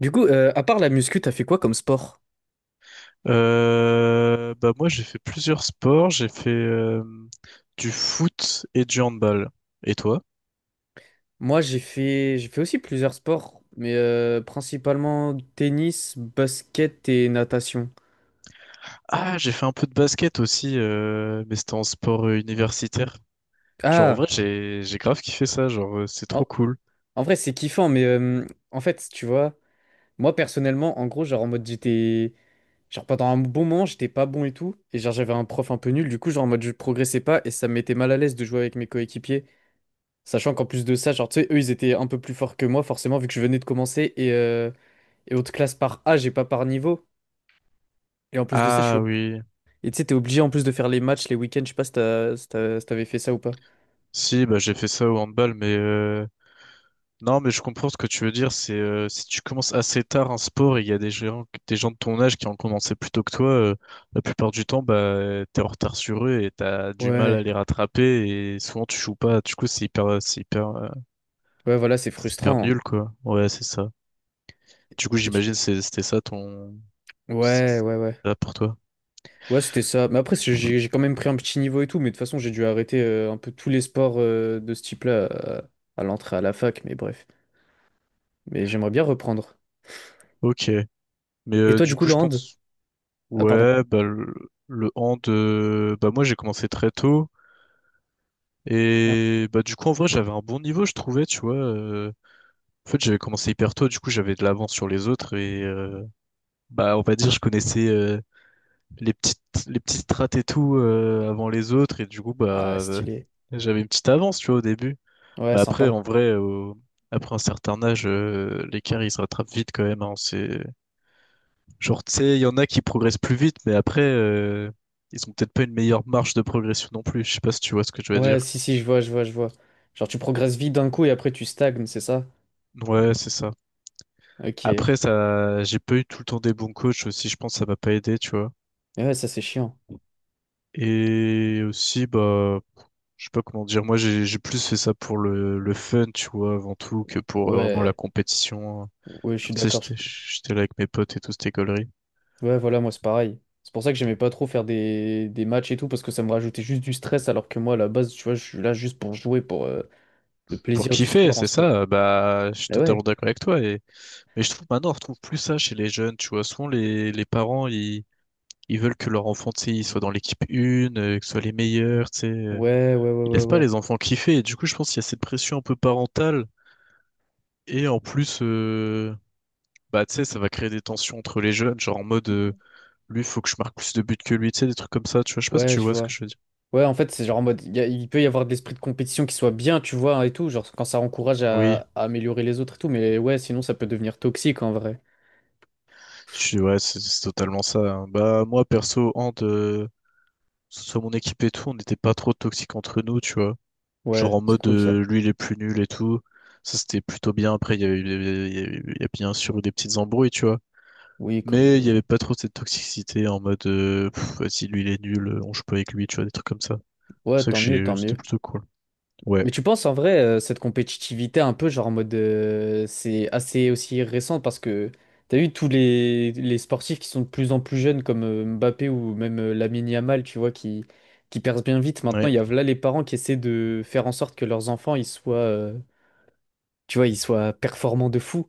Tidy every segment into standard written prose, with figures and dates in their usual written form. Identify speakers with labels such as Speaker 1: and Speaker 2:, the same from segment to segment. Speaker 1: Du coup, à part la muscu, t'as fait quoi comme sport?
Speaker 2: Bah moi j'ai fait plusieurs sports, j'ai fait du foot et du handball. Et toi?
Speaker 1: Moi, j'ai fait aussi plusieurs sports, mais principalement tennis, basket et natation.
Speaker 2: Ah, j'ai fait un peu de basket aussi, mais c'était en sport universitaire. Genre en
Speaker 1: Ah,
Speaker 2: vrai j'ai grave kiffé ça, genre c'est trop
Speaker 1: en,
Speaker 2: cool.
Speaker 1: en vrai, c'est kiffant, mais en fait, tu vois, moi personnellement, en gros, genre en mode j'étais, genre pendant un bon moment, j'étais pas bon et tout, et genre j'avais un prof un peu nul, du coup, genre en mode je progressais pas et ça me mettait mal à l'aise de jouer avec mes coéquipiers, sachant qu'en plus de ça, genre tu sais, eux, ils étaient un peu plus forts que moi, forcément, vu que je venais de commencer et haute classe par âge et pas par niveau. Et en plus de ça, je suis.
Speaker 2: Ah oui,
Speaker 1: Et tu sais, t'es obligé en plus de faire les matchs, les week-ends. Je sais pas si t'avais fait ça ou pas.
Speaker 2: si bah j'ai fait ça au handball, mais non, mais je comprends ce que tu veux dire. C'est si tu commences assez tard un sport et il y a des gens de ton âge qui ont commencé plus tôt que toi, la plupart du temps, bah, t'es en retard sur eux et t'as du mal à
Speaker 1: Ouais,
Speaker 2: les rattraper et souvent tu joues pas. Du coup, c'est hyper, c'est hyper,
Speaker 1: ouais, voilà, c'est
Speaker 2: c'est hyper
Speaker 1: frustrant, hein.
Speaker 2: nul, quoi. Ouais, c'est ça. Du coup,
Speaker 1: Et tu-
Speaker 2: j'imagine c'était ça ton, c'était
Speaker 1: Ouais, ouais, ouais.
Speaker 2: ça pour toi.
Speaker 1: Ouais, c'était ça. Mais après, j'ai quand même pris un petit niveau et tout. Mais de toute façon, j'ai dû arrêter un peu tous les sports de ce type-là. À l'entrée à la fac. Mais bref. Mais j'aimerais bien reprendre.
Speaker 2: Ok, mais
Speaker 1: Et toi, du
Speaker 2: du
Speaker 1: coup,
Speaker 2: coup
Speaker 1: le
Speaker 2: je
Speaker 1: hand?
Speaker 2: pense
Speaker 1: Ah, pardon.
Speaker 2: ouais bah le hand bah moi j'ai commencé très tôt
Speaker 1: Ah,
Speaker 2: et bah du coup en vrai j'avais un bon niveau je trouvais tu vois en fait, j'avais commencé hyper tôt, du coup, j'avais de l'avance sur les autres et bah, on va dire, je connaissais les petites les petites strates et tout avant les autres et du coup,
Speaker 1: ah,
Speaker 2: bah,
Speaker 1: stylé.
Speaker 2: j'avais une petite avance, tu vois, au début.
Speaker 1: Ouais,
Speaker 2: Mais après, en
Speaker 1: sympa.
Speaker 2: vrai, après un certain âge, l'écart il se rattrape vite quand même. Hein, c'est genre, tu sais, il y en a qui progressent plus vite, mais après, ils ont peut-être pas une meilleure marge de progression non plus. Je sais pas si tu vois ce que je veux
Speaker 1: Ouais,
Speaker 2: dire.
Speaker 1: si, si, je vois, je vois, je vois. Genre, tu progresses vite d'un coup et après, tu stagnes, c'est ça?
Speaker 2: Ouais, c'est ça.
Speaker 1: Ok.
Speaker 2: Après, ça, j'ai pas eu tout le temps des bons coachs aussi. Je pense que ça m'a pas aidé, tu vois.
Speaker 1: Ouais, ça, c'est chiant.
Speaker 2: Et aussi, bah, je sais pas comment dire, moi j'ai plus fait ça pour le fun, tu vois, avant tout, que pour vraiment la
Speaker 1: Ouais.
Speaker 2: compétition.
Speaker 1: Ouais, je suis
Speaker 2: Genre, tu sais,
Speaker 1: d'accord.
Speaker 2: j'étais là avec mes potes et tout, c'était gaulerie.
Speaker 1: Ouais, voilà, moi c'est pareil. C'est pour ça que j'aimais pas trop faire des matchs et tout, parce que ça me rajoutait juste du stress, alors que moi, à la base, tu vois, je suis là juste pour jouer, pour le
Speaker 2: Pour
Speaker 1: plaisir du
Speaker 2: kiffer,
Speaker 1: sport en
Speaker 2: c'est
Speaker 1: soi.
Speaker 2: ça, bah, je suis
Speaker 1: Bah
Speaker 2: totalement
Speaker 1: ouais.
Speaker 2: d'accord avec toi. Et... Mais je trouve maintenant, on retrouve plus ça chez les jeunes, tu vois. Souvent, les parents, ils veulent que leur enfant, tu sais, il soit dans l'équipe une, que ce soit les meilleurs, tu sais.
Speaker 1: Ouais, ouais, ouais,
Speaker 2: Ils
Speaker 1: ouais,
Speaker 2: laissent pas
Speaker 1: ouais.
Speaker 2: les enfants kiffer. Et du coup, je pense qu'il y a cette pression un peu parentale. Et en plus, bah, tu sais, ça va créer des tensions entre les jeunes, genre en mode, lui, faut que je marque plus de buts que lui, tu sais, des trucs comme ça, tu vois, je sais pas si
Speaker 1: Ouais,
Speaker 2: tu
Speaker 1: je
Speaker 2: vois ce que
Speaker 1: vois.
Speaker 2: je veux dire.
Speaker 1: Ouais, en fait, c'est genre en mode, il peut y avoir de l'esprit de compétition qui soit bien, tu vois, hein, et tout, genre quand ça encourage
Speaker 2: Oui,
Speaker 1: à améliorer les autres et tout, mais ouais, sinon ça peut devenir toxique en vrai.
Speaker 2: je suis, ouais, c'est totalement ça. Hein. Bah, moi, perso, Hand, que ce soit mon équipe et tout, on n'était pas trop toxiques entre nous, tu vois. Genre
Speaker 1: Ouais,
Speaker 2: en
Speaker 1: c'est
Speaker 2: mode,
Speaker 1: cool ça.
Speaker 2: lui, il est plus nul et tout. Ça, c'était plutôt bien. Après, il y avait, il y a bien sûr eu des petites embrouilles, tu vois.
Speaker 1: Oui, comme...
Speaker 2: Mais il y avait pas trop cette toxicité en mode, pff, vas-y, lui, il est nul, on joue pas avec lui, tu vois, des trucs comme ça. C'est
Speaker 1: Ouais,
Speaker 2: ça que
Speaker 1: tant mieux,
Speaker 2: j'ai,
Speaker 1: tant
Speaker 2: c'était
Speaker 1: mieux.
Speaker 2: plutôt cool. Ouais.
Speaker 1: Mais tu penses en vrai, cette compétitivité un peu, genre en mode, c'est assez aussi récent parce que t'as vu tous les sportifs qui sont de plus en plus jeunes comme Mbappé ou même Lamine Yamal, tu vois, qui percent bien vite. Maintenant,
Speaker 2: Ouais.
Speaker 1: il y a là les parents qui essaient de faire en sorte que leurs enfants, ils soient, tu vois, ils soient performants de fou.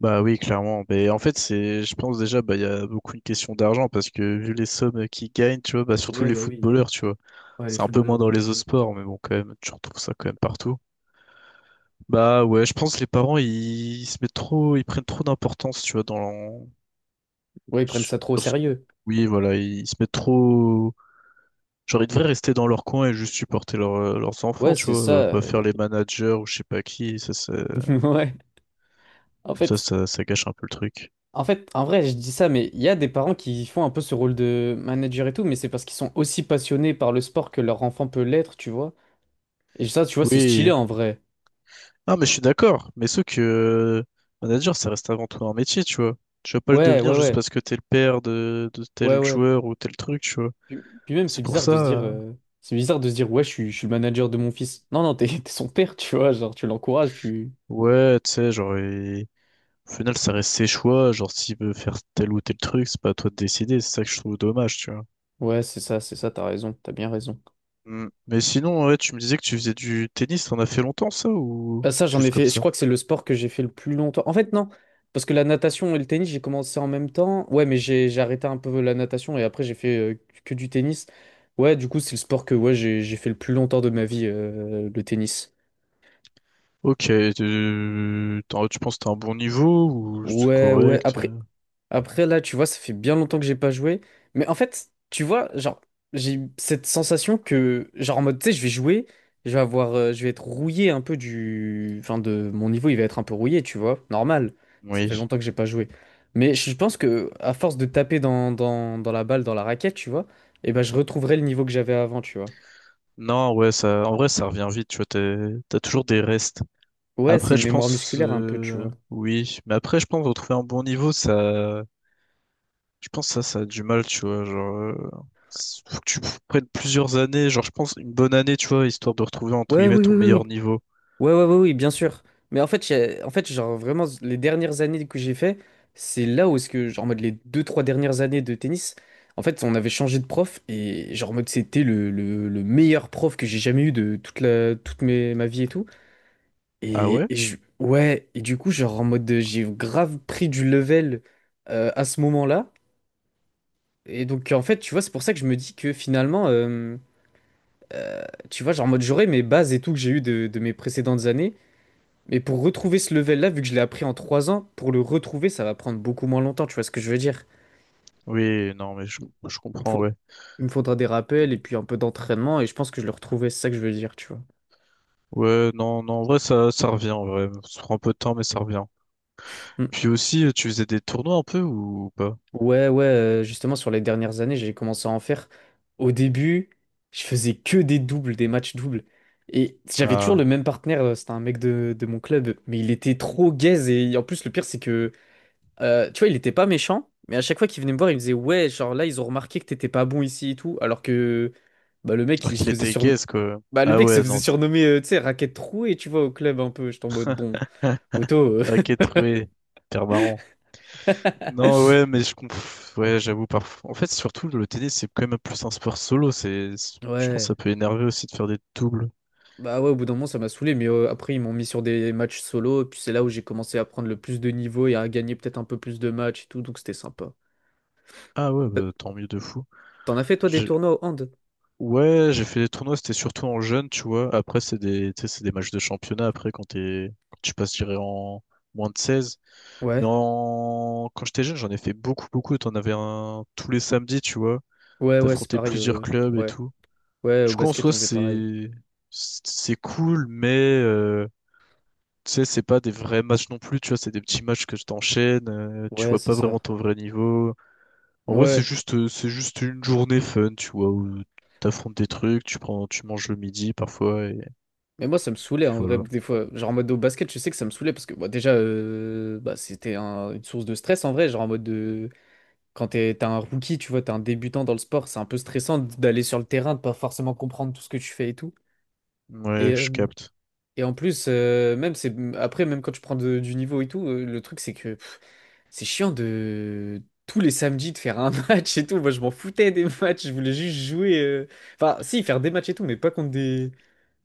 Speaker 2: Bah oui, clairement. Mais en fait, c'est, je pense déjà, bah, il y a beaucoup une question d'argent parce que vu les sommes qu'ils gagnent, tu vois, bah, surtout
Speaker 1: Ouais,
Speaker 2: les
Speaker 1: bah oui.
Speaker 2: footballeurs, tu vois.
Speaker 1: Ouais, les
Speaker 2: C'est un peu
Speaker 1: footballeurs
Speaker 2: moins
Speaker 1: de
Speaker 2: dans les
Speaker 1: ouf.
Speaker 2: autres sports, mais bon, quand même, tu retrouves ça quand même partout. Bah ouais, je pense que les parents, ils se mettent trop, ils prennent trop d'importance, tu vois, dans l'en-
Speaker 1: Ouais, ils prennent
Speaker 2: sur
Speaker 1: ça trop au
Speaker 2: ce-
Speaker 1: sérieux.
Speaker 2: oui, voilà, ils se mettent trop. Genre, ils devraient rester dans leur coin et juste supporter leurs
Speaker 1: Ouais,
Speaker 2: enfants, tu
Speaker 1: c'est
Speaker 2: vois,
Speaker 1: ça.
Speaker 2: pas faire les managers ou je sais pas qui,
Speaker 1: Ouais. En fait,
Speaker 2: ça gâche un peu le truc.
Speaker 1: En fait, en vrai, je dis ça, mais il y a des parents qui font un peu ce rôle de manager et tout, mais c'est parce qu'ils sont aussi passionnés par le sport que leur enfant peut l'être, tu vois. Et ça, tu vois, c'est stylé
Speaker 2: Oui,
Speaker 1: en vrai.
Speaker 2: ah, mais je suis d'accord. Mais ce que manager, ça reste avant tout un métier, tu vois. Tu vas pas le
Speaker 1: Ouais, ouais,
Speaker 2: devenir juste
Speaker 1: ouais,
Speaker 2: parce que t'es le père de
Speaker 1: ouais,
Speaker 2: tel
Speaker 1: ouais.
Speaker 2: joueur ou tel truc, tu vois.
Speaker 1: Puis même, c'est
Speaker 2: C'est pour
Speaker 1: bizarre
Speaker 2: ça.
Speaker 1: de se dire, c'est bizarre de se dire, ouais, je suis le manager de mon fils. Non, non, t'es, t'es son père, tu vois, genre, tu l'encourages, tu.
Speaker 2: Ouais, tu sais, genre, au final, ça reste ses choix. Genre, s'il veut faire tel ou tel truc, c'est pas à toi de décider. C'est ça que je trouve dommage, tu vois.
Speaker 1: Ouais, c'est ça, t'as raison, t'as bien raison.
Speaker 2: Mm. Mais sinon, ouais, tu me disais que tu faisais du tennis. T'en as fait longtemps, ça, ou
Speaker 1: Bah ça, j'en ai
Speaker 2: juste comme
Speaker 1: fait. Je
Speaker 2: ça?
Speaker 1: crois que c'est le sport que j'ai fait le plus longtemps. En fait, non, parce que la natation et le tennis, j'ai commencé en même temps. Ouais, mais j'ai arrêté un peu la natation et après j'ai fait que du tennis. Ouais, du coup, c'est le sport que ouais, j'ai fait le plus longtemps de ma vie, le tennis.
Speaker 2: Ok, tu penses que t'as un bon niveau ou c'est
Speaker 1: Ouais, ouais.
Speaker 2: correct?
Speaker 1: Après, là, tu vois, ça fait bien longtemps que j'ai pas joué. Mais en fait, tu vois, genre, j'ai cette sensation que, genre, en mode, tu sais, je vais jouer, je vais avoir, je vais être rouillé un peu du. Enfin, de mon niveau, il va être un peu rouillé, tu vois, normal. Ça fait
Speaker 2: Oui.
Speaker 1: longtemps que j'ai pas joué. Mais je pense que, à force de taper dans la balle, dans la raquette, tu vois, eh ben, je retrouverai le niveau que j'avais avant, tu vois.
Speaker 2: Non, ouais, ça, en vrai, ça revient vite, tu vois, t'as toujours des restes.
Speaker 1: Ouais, c'est
Speaker 2: Après,
Speaker 1: une
Speaker 2: je
Speaker 1: mémoire
Speaker 2: pense,
Speaker 1: musculaire un peu, tu vois.
Speaker 2: oui, mais après, je pense retrouver un bon niveau, ça, je pense ça, ça a du mal, tu vois, genre, faut que tu prennes plusieurs années, genre, je pense une bonne année, tu vois, histoire de retrouver entre
Speaker 1: Ouais,
Speaker 2: guillemets
Speaker 1: oui, oui,
Speaker 2: ton
Speaker 1: oui,
Speaker 2: meilleur niveau.
Speaker 1: ouais, ouais, ouais, oui, bien sûr. Mais en fait, en fait, genre vraiment, les dernières années que j'ai fait, c'est là où est-ce que, genre, en mode les deux, trois dernières années de tennis, en fait, on avait changé de prof et, genre, en mode, c'était le meilleur prof que j'ai jamais eu de toute toute ma vie et tout.
Speaker 2: Ah
Speaker 1: Et,
Speaker 2: ouais?
Speaker 1: ouais, et du coup, genre, en mode, j'ai grave pris du level à ce moment-là. Et donc, en fait, tu vois, c'est pour ça que je me dis que finalement, tu vois, genre, en mode, j'aurais mes bases et tout que j'ai eu de mes précédentes années. Mais pour retrouver ce level-là, vu que je l'ai appris en 3 ans, pour le retrouver, ça va prendre beaucoup moins longtemps, tu vois ce que je veux dire?
Speaker 2: Oui, non, mais je
Speaker 1: Il me
Speaker 2: comprends,
Speaker 1: faut-
Speaker 2: ouais.
Speaker 1: il me faudra des rappels et puis un peu d'entraînement et je pense que je le retrouverai, c'est ça que je veux dire, tu vois.
Speaker 2: Ouais, non, non, en vrai, ça revient, en vrai, ça prend un peu de temps, mais ça revient.
Speaker 1: Mm.
Speaker 2: Puis aussi, tu faisais des tournois un peu ou pas?
Speaker 1: Ouais, ouais, justement, sur les dernières années, j'ai commencé à en faire. Au début, je faisais que des doubles, des matchs doubles. Et j'avais toujours le
Speaker 2: Ah,
Speaker 1: même partenaire, c'était un mec de mon club, mais il était trop gaze et en plus, le pire, c'est que euh, tu vois, il était pas méchant, mais à chaque fois qu'il venait me voir, il me disait, ouais, genre là, ils ont remarqué que t'étais pas bon ici et tout, alors que bah, le mec,
Speaker 2: alors
Speaker 1: il se
Speaker 2: qu'il
Speaker 1: faisait
Speaker 2: était
Speaker 1: sur...
Speaker 2: gaze, quoi.
Speaker 1: Bah, le
Speaker 2: Ah
Speaker 1: mec se
Speaker 2: ouais, non.
Speaker 1: faisait surnommer, tu sais, raquette trouée, tu vois, au club un peu. J'étais en mode, bon, poteau.
Speaker 2: Ok, troué. Hyper marrant. Non, ouais, mais je conf... Ouais, j'avoue, parfois. En fait, surtout, le tennis, c'est quand même plus un sport solo. Je pense que
Speaker 1: Ouais.
Speaker 2: ça peut énerver aussi de faire des doubles.
Speaker 1: Bah ouais, au bout d'un moment, ça m'a saoulé, mais après, ils m'ont mis sur des matchs solo, et puis c'est là où j'ai commencé à prendre le plus de niveau et à gagner peut-être un peu plus de matchs et tout, donc c'était sympa.
Speaker 2: Ah ouais,
Speaker 1: Euh,
Speaker 2: bah, tant mieux de fou.
Speaker 1: T'en as fait, toi, des
Speaker 2: J'ai-
Speaker 1: tournois au hand?
Speaker 2: Ouais, j'ai fait des tournois, c'était surtout en jeune, tu vois. Après, c'est des... tu sais, c'est des matchs de championnat, après, quand tu passes, je dirais, en moins de 16. Mais
Speaker 1: Ouais,
Speaker 2: en... quand j'étais jeune, j'en ai fait beaucoup, beaucoup. T'en avais un tous les samedis, tu vois.
Speaker 1: ouais, ouais, c'est
Speaker 2: T'affrontais
Speaker 1: pareil.
Speaker 2: plusieurs clubs et
Speaker 1: Ouais,
Speaker 2: tout.
Speaker 1: ouais, au
Speaker 2: Du coup, en
Speaker 1: basket, on
Speaker 2: soi,
Speaker 1: faisait pareil.
Speaker 2: c'est cool, mais euh, tu sais, c'est pas des vrais matchs non plus. Tu vois, c'est des petits matchs que je t'enchaîne. Tu
Speaker 1: Ouais,
Speaker 2: vois
Speaker 1: c'est
Speaker 2: pas
Speaker 1: ça.
Speaker 2: vraiment ton vrai niveau. En vrai,
Speaker 1: Ouais.
Speaker 2: c'est juste une journée fun, tu vois, où t'affrontes des trucs, tu prends, tu manges le midi parfois, et
Speaker 1: Mais moi, ça me saoulait
Speaker 2: puis
Speaker 1: en vrai,
Speaker 2: voilà.
Speaker 1: des fois. Genre en mode au basket, je sais que ça me saoulait parce que bah, déjà, bah, c'était une source de stress en vrai. Genre en mode de. Quand t'es, t'as un rookie, tu vois, t'es un débutant dans le sport, c'est un peu stressant d'aller sur le terrain, de pas forcément comprendre tout ce que tu fais et tout. Et,
Speaker 2: Ouais, je
Speaker 1: euh,
Speaker 2: capte.
Speaker 1: et en plus, même c'est après, même quand tu prends du niveau et tout, le truc c'est que pff, c'est chiant de tous les samedis de faire un match et tout. Moi, je m'en foutais des matchs, je voulais juste jouer. Enfin, si, faire des matchs et tout, mais pas contre des.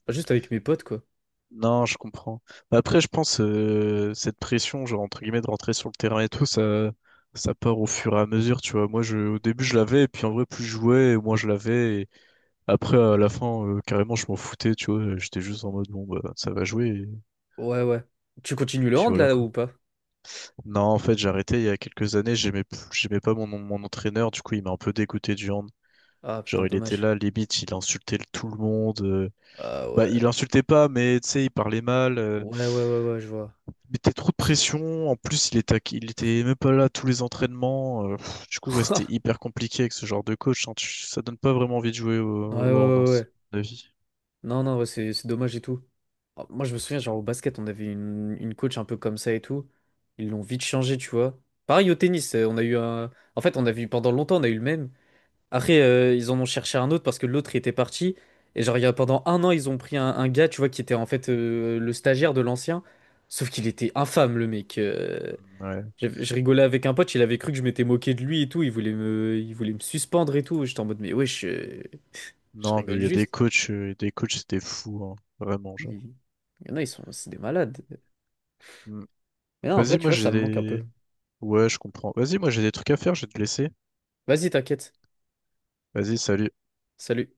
Speaker 1: Enfin, juste avec mes potes, quoi.
Speaker 2: Non, je comprends. Mais après, je pense cette pression, genre entre guillemets, de rentrer sur le terrain et tout, ça part au fur et à mesure, tu vois. Moi, je au début, je l'avais, et puis en vrai, plus je jouais, moins je l'avais. Après, à la fin, carrément, je m'en foutais, tu vois. J'étais juste en mode, bon, bah, ça va jouer, et
Speaker 1: Ouais, ouais. Tu continues le
Speaker 2: puis
Speaker 1: hand
Speaker 2: voilà,
Speaker 1: là
Speaker 2: quoi.
Speaker 1: ou pas?
Speaker 2: Non, en fait, j'ai arrêté il y a quelques années. J'aimais pas mon, mon entraîneur. Du coup, il m'a un peu dégoûté du hand.
Speaker 1: Ah putain,
Speaker 2: Genre, il était
Speaker 1: dommage.
Speaker 2: là, limite, il insultait tout le monde.
Speaker 1: Ah
Speaker 2: Bah, il
Speaker 1: ouais.
Speaker 2: insultait pas, mais tu sais, il parlait mal.
Speaker 1: Ouais, ouais, ouais, ouais, je vois.
Speaker 2: Il mettait trop de pression. En plus, il était même pas là à tous les entraînements. Pff, du coup, ouais, c'était hyper compliqué avec ce genre de coach. Hein. Ça donne pas vraiment envie de jouer
Speaker 1: Ouais,
Speaker 2: au,
Speaker 1: ouais,
Speaker 2: au hand, hein,
Speaker 1: ouais,
Speaker 2: c'est
Speaker 1: ouais.
Speaker 2: mon avis.
Speaker 1: Non, non, ouais, c'est dommage et tout. Ah, moi, je me souviens, genre au basket, on avait une coach un peu comme ça et tout. Ils l'ont vite changé, tu vois. Pareil au tennis, on a eu un. En fait, on a vu pendant longtemps, on a eu le même. Après, ils en ont cherché un autre parce que l'autre il était parti. Et genre, il y a, pendant un an, ils ont pris un gars, tu vois, qui était en fait le stagiaire de l'ancien. Sauf qu'il était infâme, le mec.
Speaker 2: Ouais.
Speaker 1: Je rigolais avec un pote, il avait cru que je m'étais moqué de lui et tout, il voulait me suspendre et tout. J'étais en mode, mais ouais, je
Speaker 2: Non, mais
Speaker 1: rigole
Speaker 2: il y a
Speaker 1: juste.
Speaker 2: des coachs, c'était fou, hein. Vraiment, genre.
Speaker 1: Il y en a, c'est des malades.
Speaker 2: Mm.
Speaker 1: Mais non, en vrai,
Speaker 2: Vas-y,
Speaker 1: tu
Speaker 2: moi
Speaker 1: vois,
Speaker 2: j'ai
Speaker 1: ça me manque un peu.
Speaker 2: des. Ouais, je comprends. Vas-y, moi j'ai des trucs à faire, je vais te laisser.
Speaker 1: Vas-y, t'inquiète.
Speaker 2: Vas-y, salut.
Speaker 1: Salut.